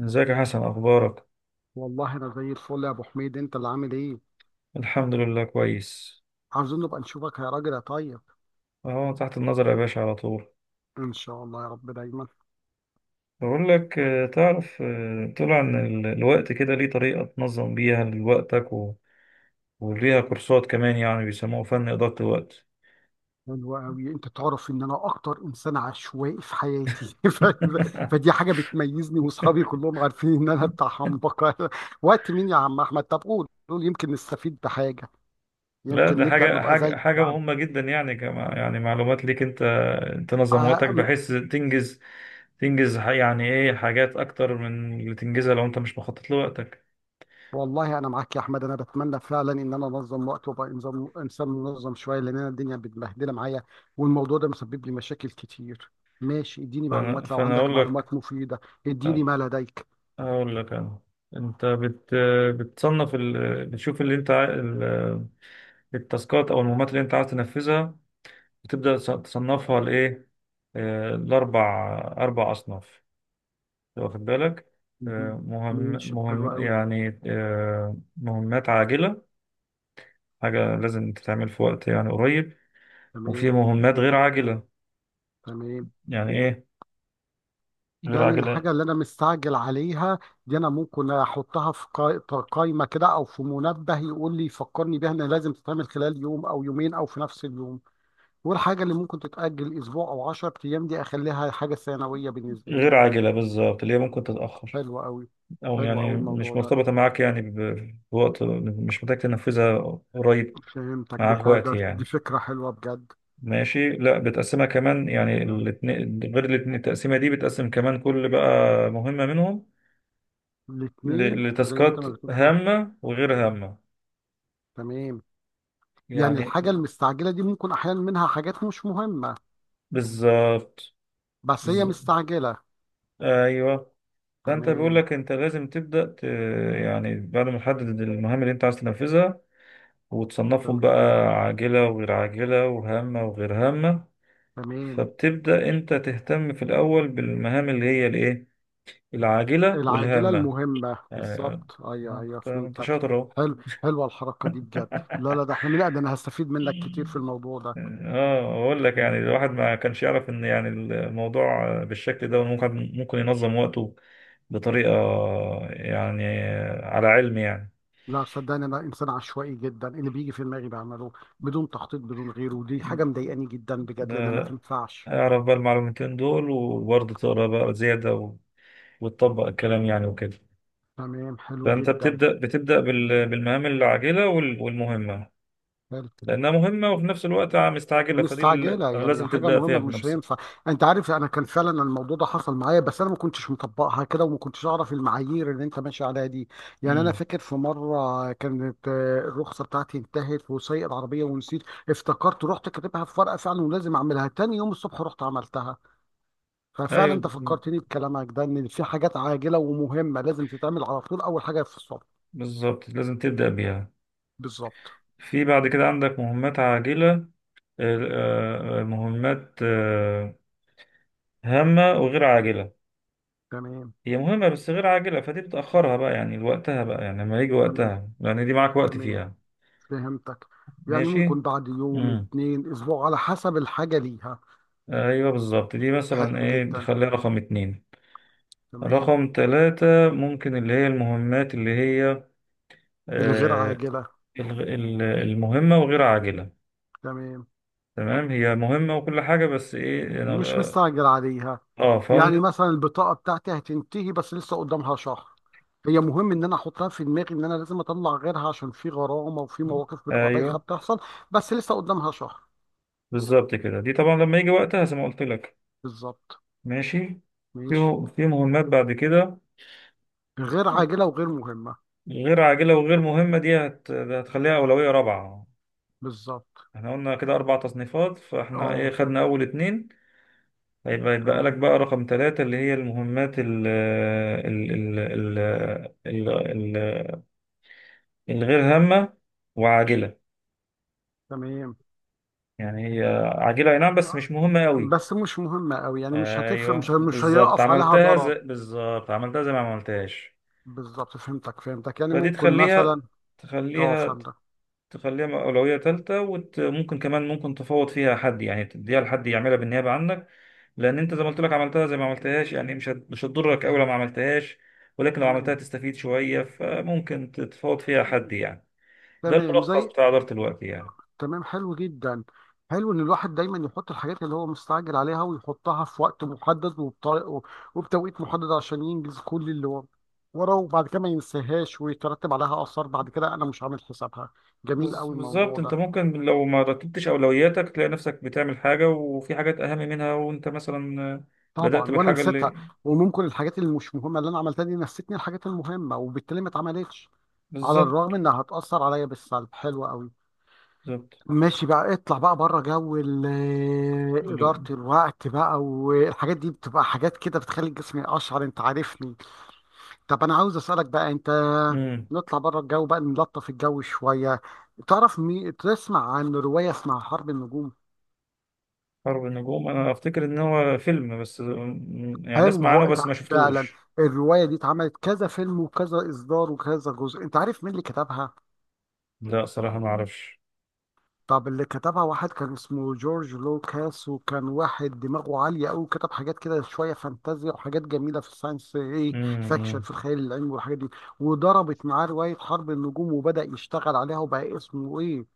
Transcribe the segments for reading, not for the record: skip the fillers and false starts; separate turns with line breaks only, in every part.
ازيك يا حسن، اخبارك؟
والله انا زي الفل يا ابو حميد، انت اللي عامل ايه؟
الحمد لله، كويس.
عاوزين نبقى نشوفك يا راجل يا طيب.
اهو تحت النظر يا باشا على طول.
ان شاء الله يا رب دايما.
بقول لك، تعرف، طلع ان الوقت كده ليه طريقة تنظم بيها لوقتك، وليها كورسات كمان، يعني بيسموه فن إدارة الوقت.
حلو قوي، انت تعرف ان انا اكتر انسان عشوائي في حياتي ف... فدي حاجه بتميزني، واصحابي كلهم عارفين ان انا بتاع حنبقه وقت مين يا عم احمد؟ طب قول يمكن نستفيد بحاجه،
لا،
يمكن
ده
نبدا
حاجة
نبقى زيك يا عم.
مهمة جدا، يعني كما يعني معلومات ليك انت. تنظم وقتك
آه،
بحيث تنجز. يعني ايه، حاجات اكتر من اللي تنجزها لو انت مش مخطط لوقتك.
والله انا معاك يا احمد، انا بتمنى فعلا ان انا انظم وقت وابقى انظم، انسان منظم شويه، لان انا الدنيا متبهدله معايا والموضوع ده مسبب لي مشاكل كتير. ماشي اديني
فانا
معلومات لو
فانا
عندك
اقول لك.
معلومات مفيده، اديني
آه،
ما لديك.
أقول لك أنا. أنت بت... بتصنف ال... بتشوف اللي أنت التاسكات أو المهمات اللي أنت عايز تنفذها. بتبدأ تصنفها لإيه؟ لأربع، أربع أصناف. واخد بالك؟
مهم.
مهم
ماشي حلو
مهم،
قوي.
يعني مهمات عاجلة، حاجة لازم تتعمل في وقت يعني قريب. وفي
تمام.
مهمات غير عاجلة،
تمام.
يعني إيه؟ غير
يعني
عاجلة.
الحاجه اللي انا مستعجل عليها دي انا ممكن احطها في قائمه كده او في منبه يقول لي، يفكرني بيها انها لازم تتعمل خلال يوم او يومين او في نفس اليوم. والحاجة اللي ممكن تتأجل أسبوع أو 10 أيام دي أخليها حاجة ثانوية بالنسبة لي.
غير عاجلة بالظبط، اللي هي
مم.
ممكن تتأخر،
حلو أوي.
او
حلو
يعني
أوي الموضوع
مش
ده،
مرتبطة معاك، يعني بوقت، مش محتاج تنفذها قريب،
فهمتك.
معاك وقت
دي
يعني.
فكرة حلوة بجد.
ماشي. لا، بتقسمها كمان
دي
يعني،
جميل.
الاتنين غير الاتنين، التقسيمة دي بتقسم كمان كل بقى مهمة منهم
الاتنين زي ما أنت
لتاسكات
ما بتقول كده.
هامة وغير هامة
تمام. يعني
يعني.
الحاجة المستعجلة دي ممكن أحيانا منها حاجات مش مهمة
بالظبط.
بس هي
بالظبط.
مستعجلة.
ايوه. فانت بيقول
تمام.
لك انت لازم يعني بعد ما تحدد المهام اللي انت عايز تنفذها، وتصنفهم
تمام.
بقى عاجلة وغير عاجلة وهامة وغير هامة،
تمام.
فبتبدأ انت تهتم في الاول بالمهام اللي هي الايه، العاجلة
العاجلة
والهامة
المهمة
يعني.
بالظبط، أيوه أيوه
انت انت
فهمتك.
شاطر اهو.
حلو. حلوة الحركة دي بجد. لا لا، ده احنا من ده أنا هستفيد منك كتير في الموضوع ده.
اه، اقول لك يعني، الواحد ما كانش يعرف ان يعني الموضوع بالشكل ده ممكن ينظم وقته بطريقة، يعني على علم يعني.
لا صدقني انا انسان عشوائي جدا، اللي بيجي في دماغي بعمله بدون تخطيط بدون غيره، ودي حاجه مضايقاني جدا بجد لانها ما
ده
تنفعش.
اعرف بقى المعلومتين دول، وبرضه تقرا بقى زيادة وتطبق الكلام يعني وكده.
تمام حلو
فانت
جدا.
بتبدأ بالمهام العاجلة والمهمة،
حلو.
لأنها مهمة وفي نفس الوقت مستعجلة، فدي اللي
مستعجله يعني
لازم
حاجه
تبدأ فيها
مهمه مش
بنفسك.
هينفع. انت عارف انا كان فعلا الموضوع ده حصل معايا، بس انا ما كنتش مطبقها كده وما كنتش اعرف المعايير اللي انت ماشي عليها دي. يعني انا
امم.
فاكر في مره كانت الرخصه بتاعتي انتهت وسايق العربيه ونسيت. افتكرت، رحت كاتبها في ورقه فعلا، ولازم اعملها تاني يوم الصبح، رحت عملتها. ففعلا انت
أيوة
فكرتني بكلامك ده ان في حاجات عاجله ومهمه لازم تتعمل على طول اول حاجه في الصبح.
بالظبط، لازم تبدأ بيها.
بالظبط.
في بعد كده عندك مهمات عاجلة، مهمات هامة وغير عاجلة.
تمام.
هي مهمة بس غير عاجلة، فدي بتأخرها بقى يعني لوقتها بقى، يعني لما يجي
تمام.
وقتها، يعني دي معاك وقت
تمام.
فيها.
فهمتك. يعني
ماشي.
ممكن بعد يوم،
امم.
اتنين، اسبوع، على حسب الحاجه ليها.
ايوه بالظبط، دي مثلا
حلو
ايه، دي
جدا.
خليها رقم اتنين.
تمام.
رقم تلاتة ممكن اللي هي المهمات اللي هي،
الغير
آه،
عاجله.
المهمة وغير عاجلة.
تمام.
تمام، هي مهمة وكل حاجة، بس ايه
مش مستعجل عليها.
اه فاند.
يعني مثلا البطاقه بتاعتي هتنتهي بس لسه قدامها شهر. هي مهم ان انا احطها في دماغي ان انا لازم اطلع غيرها عشان في غرامه وفي مواقف بتبقى بايخه
ايوه
بتحصل، بس لسه قدامها شهر.
بالظبط كده، دي طبعا لما يجي وقتها زي ما قلت لك.
بالظبط.
ماشي.
ماشي.
في في مهمات بعد كده
غير عاجلة وغير مهمة.
غير عاجلة وغير مهمة، دي هتخليها أولوية رابعة.
بالظبط.
احنا قلنا كده أربع تصنيفات، فاحنا ايه
اه.
خدنا أول اتنين. هيبقى يتبقى لك
تمام.
بقى رقم ثلاثة اللي هي المهمات ال- ال- الغير هامة وعاجلة،
تمام.
يعني هي عجينة أي نعم بس
آه،
مش مهمة أوي.
بس مش مهمة أوي، يعني مش هتفرق، مش
أيوه
مش
بالظبط،
هيقف عليها
عملتها زي
ضرر.
بالظبط، عملتها زي ما عملتهاش.
بالظبط فهمتك فهمتك. يعني
فدي
ممكن مثلا. اه
تخليها
فهمتك.
تخليها أولوية تالتة، وممكن كمان ممكن تفوض فيها حد، يعني تديها لحد يعملها بالنيابة عنك. لأن أنت زي ما قلت لك، عملتها زي ما عملتهاش، يعني مش هتضرك أوي لو ما عملتهاش. ولكن لو عملتها
تمام.
تستفيد شوية، فممكن تتفاوض فيها حد يعني. ده
تمام زي.
الملخص بتاع إدارة الوقت يعني.
تمام حلو جدا. حلو ان الواحد دايما يحط الحاجات اللي هو مستعجل عليها ويحطها في وقت محدد وبطريقه وبتوقيت محدد عشان ينجز كل اللي هو وراه، وبعد كده ما ينساهاش ويترتب عليها اثار بعد كده انا مش عامل حسابها. جميل قوي
بالظبط،
الموضوع
انت
ده.
ممكن لو ما رتبتش اولوياتك تلاقي نفسك بتعمل حاجه، وفي حاجات اهم منها، وانت مثلا بدأت
طبعا وانا
بالحاجه
نسيتها.
اللي.
وممكن الحاجات اللي مش مهمه اللي انا عملتها دي نسيتني الحاجات المهمه وبالتالي ما اتعملتش على
بالظبط.
الرغم انها هتاثر عليا بالسلب. حلو قوي.
بالظبط.
ماشي بقى، اطلع بقى بره جو إدارة
اللي-
الوقت بقى، والحاجات دي بتبقى حاجات كده بتخلي الجسم يقشعر، انت عارفني. طب انا عاوز اسألك بقى انت،
امم.
نطلع بره الجو بقى، نلطف الجو شوية. تعرف تسمع عن رواية اسمها حرب النجوم؟
حرب النجوم، انا افتكر ان هو فيلم بس، يعني
حلو.
اسمع
ما
عنه
هو
بس ما
فعلا
شفتوش.
الرواية دي اتعملت كذا فيلم وكذا إصدار وكذا جزء. انت عارف مين اللي كتبها؟
لا، صراحه ما اعرفش.
طب اللي كتبها واحد كان اسمه جورج لوكاس، وكان واحد دماغه عالية أوي، كتب حاجات كده شوية فانتازيا وحاجات جميلة في الساينس إيه فاكشن،
امم.
في الخيال العلمي والحاجات دي. وضربت معاه رواية حرب النجوم وبدأ يشتغل عليها وبقى اسمه إيه،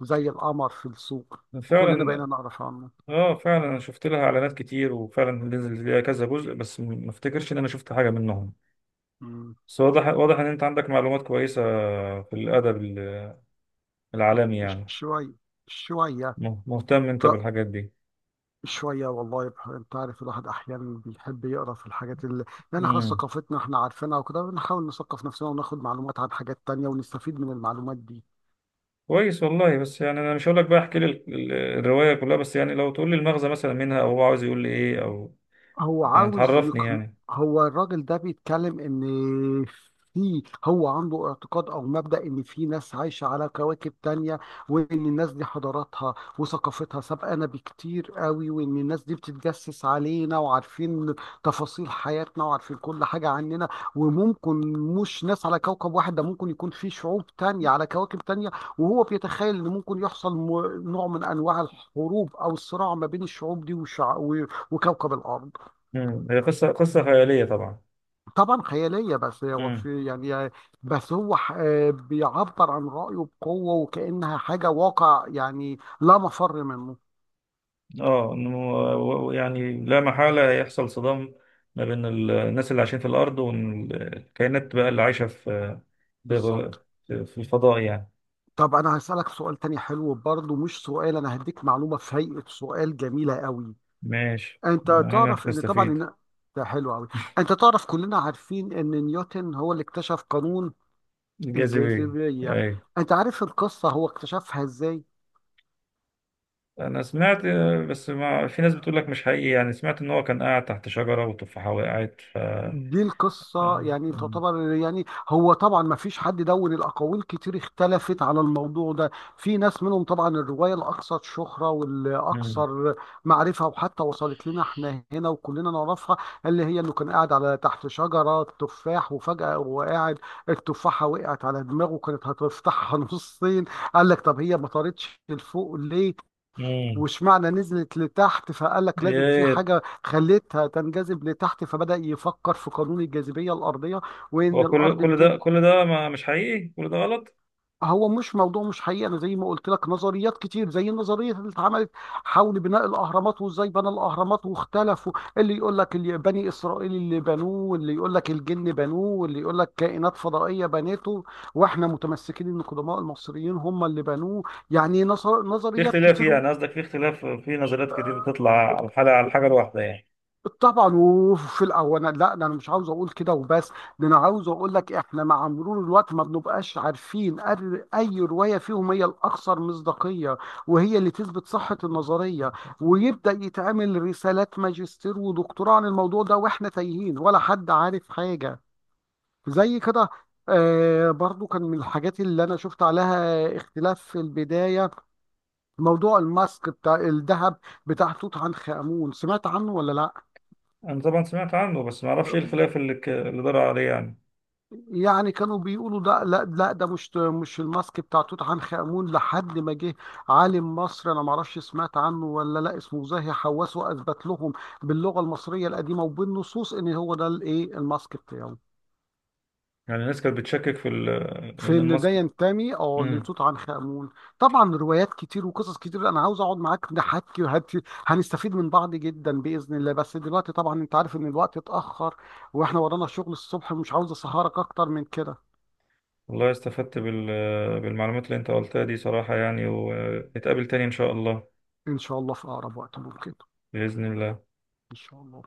زي القمر في السوق،
أمم.
وكلنا
فعلا.
بقينا نعرف عنه.
اه فعلا، انا شفت لها اعلانات كتير، وفعلا نزل ليها كذا جزء، بس ما افتكرش ان انا شفت حاجه منهم.
مم.
بس واضح، واضح ان انت عندك معلومات كويسه في الادب العالمي يعني.
شوية شوية
مهتم انت بالحاجات دي.
شوية. والله انت عارف الواحد احيانا بيحب يقرا في الحاجات اللي، يعني خلاص
امم.
ثقافتنا احنا عارفينها وكده، بنحاول نثقف نفسنا وناخد معلومات عن حاجات تانية ونستفيد من المعلومات دي.
كويس والله، بس يعني انا مش هقول لك بقى احكي لي الروايه كلها، بس يعني لو تقول لي المغزى مثلا منها، او هو عاوز يقول لي ايه، او
هو
يعني
عاوز
تعرفني
يقن...
يعني.
هو الراجل ده بيتكلم ان في، هو عنده اعتقاد او مبدأ ان في ناس عايشة على كواكب تانية، وان الناس دي حضاراتها وثقافتها سابقانا بكتير قوي، وان الناس دي بتتجسس علينا وعارفين تفاصيل حياتنا وعارفين كل حاجة عننا. وممكن مش ناس على كوكب واحد، ده ممكن يكون في شعوب تانية على كواكب تانية. وهو بيتخيل ان ممكن يحصل نوع من انواع الحروب او الصراع ما بين الشعوب دي وكوكب الارض.
امم. هي قصه، قصه خياليه طبعا.
طبعا خيالية، بس هو
امم.
في يعني، بس هو بيعبر عن رأيه بقوة وكأنها حاجة واقع يعني لا مفر منه.
اه، انه يعني لا محاله يحصل صدام ما بين الناس اللي عايشين في الارض، والكائنات بقى اللي عايشه في
بالظبط.
في الفضاء يعني.
طب أنا هسألك سؤال تاني حلو برضه، مش سؤال، أنا هديك معلومة في هيئة سؤال جميلة قوي.
ماشي،
أنت
انا
تعرف إن طبعا
نستفيد.
إن، ده حلو قوي. أنت تعرف كلنا عارفين إن نيوتن هو اللي اكتشف قانون
الجاذبيه.
الجاذبية.
ايوه.
أنت عارف القصة هو اكتشفها إزاي؟
انا سمعت، بس ما في ناس بتقول لك مش حقيقي، يعني سمعت ان هو كان قاعد تحت شجرة والتفاحة وقعت ف آه،
دي القصة يعني
مم.
تعتبر، يعني هو طبعا ما فيش حد، دون الأقاويل كتير اختلفت على الموضوع ده. في ناس منهم طبعا، الرواية الأكثر شهرة والأكثر معرفة وحتى وصلت لنا احنا هنا وكلنا نعرفها، اللي هي إنه كان قاعد على تحت شجرة تفاح، وفجأة هو قاعد التفاحة وقعت على دماغه كانت هتفتحها نصين. قال لك طب هي ما طارتش لفوق ليه؟
مم.
واشمعنى نزلت لتحت؟ فقال لك لازم في
ايه.
حاجة خلتها تنجذب لتحت. فبدأ يفكر في قانون الجاذبية الأرضية وإن
وكل
الأرض
كل
بتج...
ده كل ده ما مش حقيقي، كل ده غلط.
هو مش موضوع مش حقيقي، أنا زي ما قلت لك نظريات كتير، زي النظرية اللي اتعملت حول بناء الأهرامات وإزاي بنى الأهرامات واختلفوا. اللي يقول لك اللي بني إسرائيل اللي بنوه، واللي يقول لك الجن بنوه، واللي يقول لك كائنات فضائية بنته، وإحنا متمسكين إن قدماء المصريين هم اللي بنوه. يعني
في
نظريات
اختلاف،
كتير.
يعني قصدك في اختلاف في نظريات كتير بتطلع على الحاجة، على الحاجة الواحدة يعني.
طبعا وفي الاول انا، لا ده انا مش عاوز اقول كده وبس، ده انا عاوز اقول لك احنا مع مرور الوقت ما بنبقاش عارفين اي روايه فيهم هي الاكثر مصداقيه وهي اللي تثبت صحه النظريه، ويبدا يتعمل رسالات ماجستير ودكتوراه عن الموضوع ده، واحنا تايهين ولا حد عارف حاجه زي كده. آه برضو كان من الحاجات اللي انا شفت عليها اختلاف في البدايه، موضوع الماسك بتاع الذهب بتاع توت عنخ امون، سمعت عنه ولا
انا طبعا سمعت عنه، بس ما
لا؟
اعرفش ايه الخلاف اللي اللي دار عليه يعني.
يعني كانوا بيقولوا ده، لا لا، ده مش الماسك بتاع توت عنخ آمون، لحد ما جه عالم مصري، انا ما اعرفش سمعت عنه ولا لا، اسمه زاهي حواس، واثبت لهم باللغه المصريه القديمه وبالنصوص ان هو ده الايه، الماسك بتاعه.
يعني الناس كانت بتشكك في
في
ان
ان ده
الماسك.
ينتمي اه
مم.
لتوت عنخ آمون. طبعا روايات كتير وقصص كتير، انا عاوز اقعد معاك نحكي هنستفيد من بعض جدا باذن الله، بس دلوقتي طبعا انت عارف ان الوقت اتاخر واحنا ورانا شغل الصبح، مش عاوز اسهرك اكتر من كده.
والله استفدت بالمعلومات اللي انت قلتها دي صراحة يعني، ونتقابل تاني ان شاء الله.
ان شاء الله في اقرب وقت ممكن.
بإذن الله.
ان شاء الله.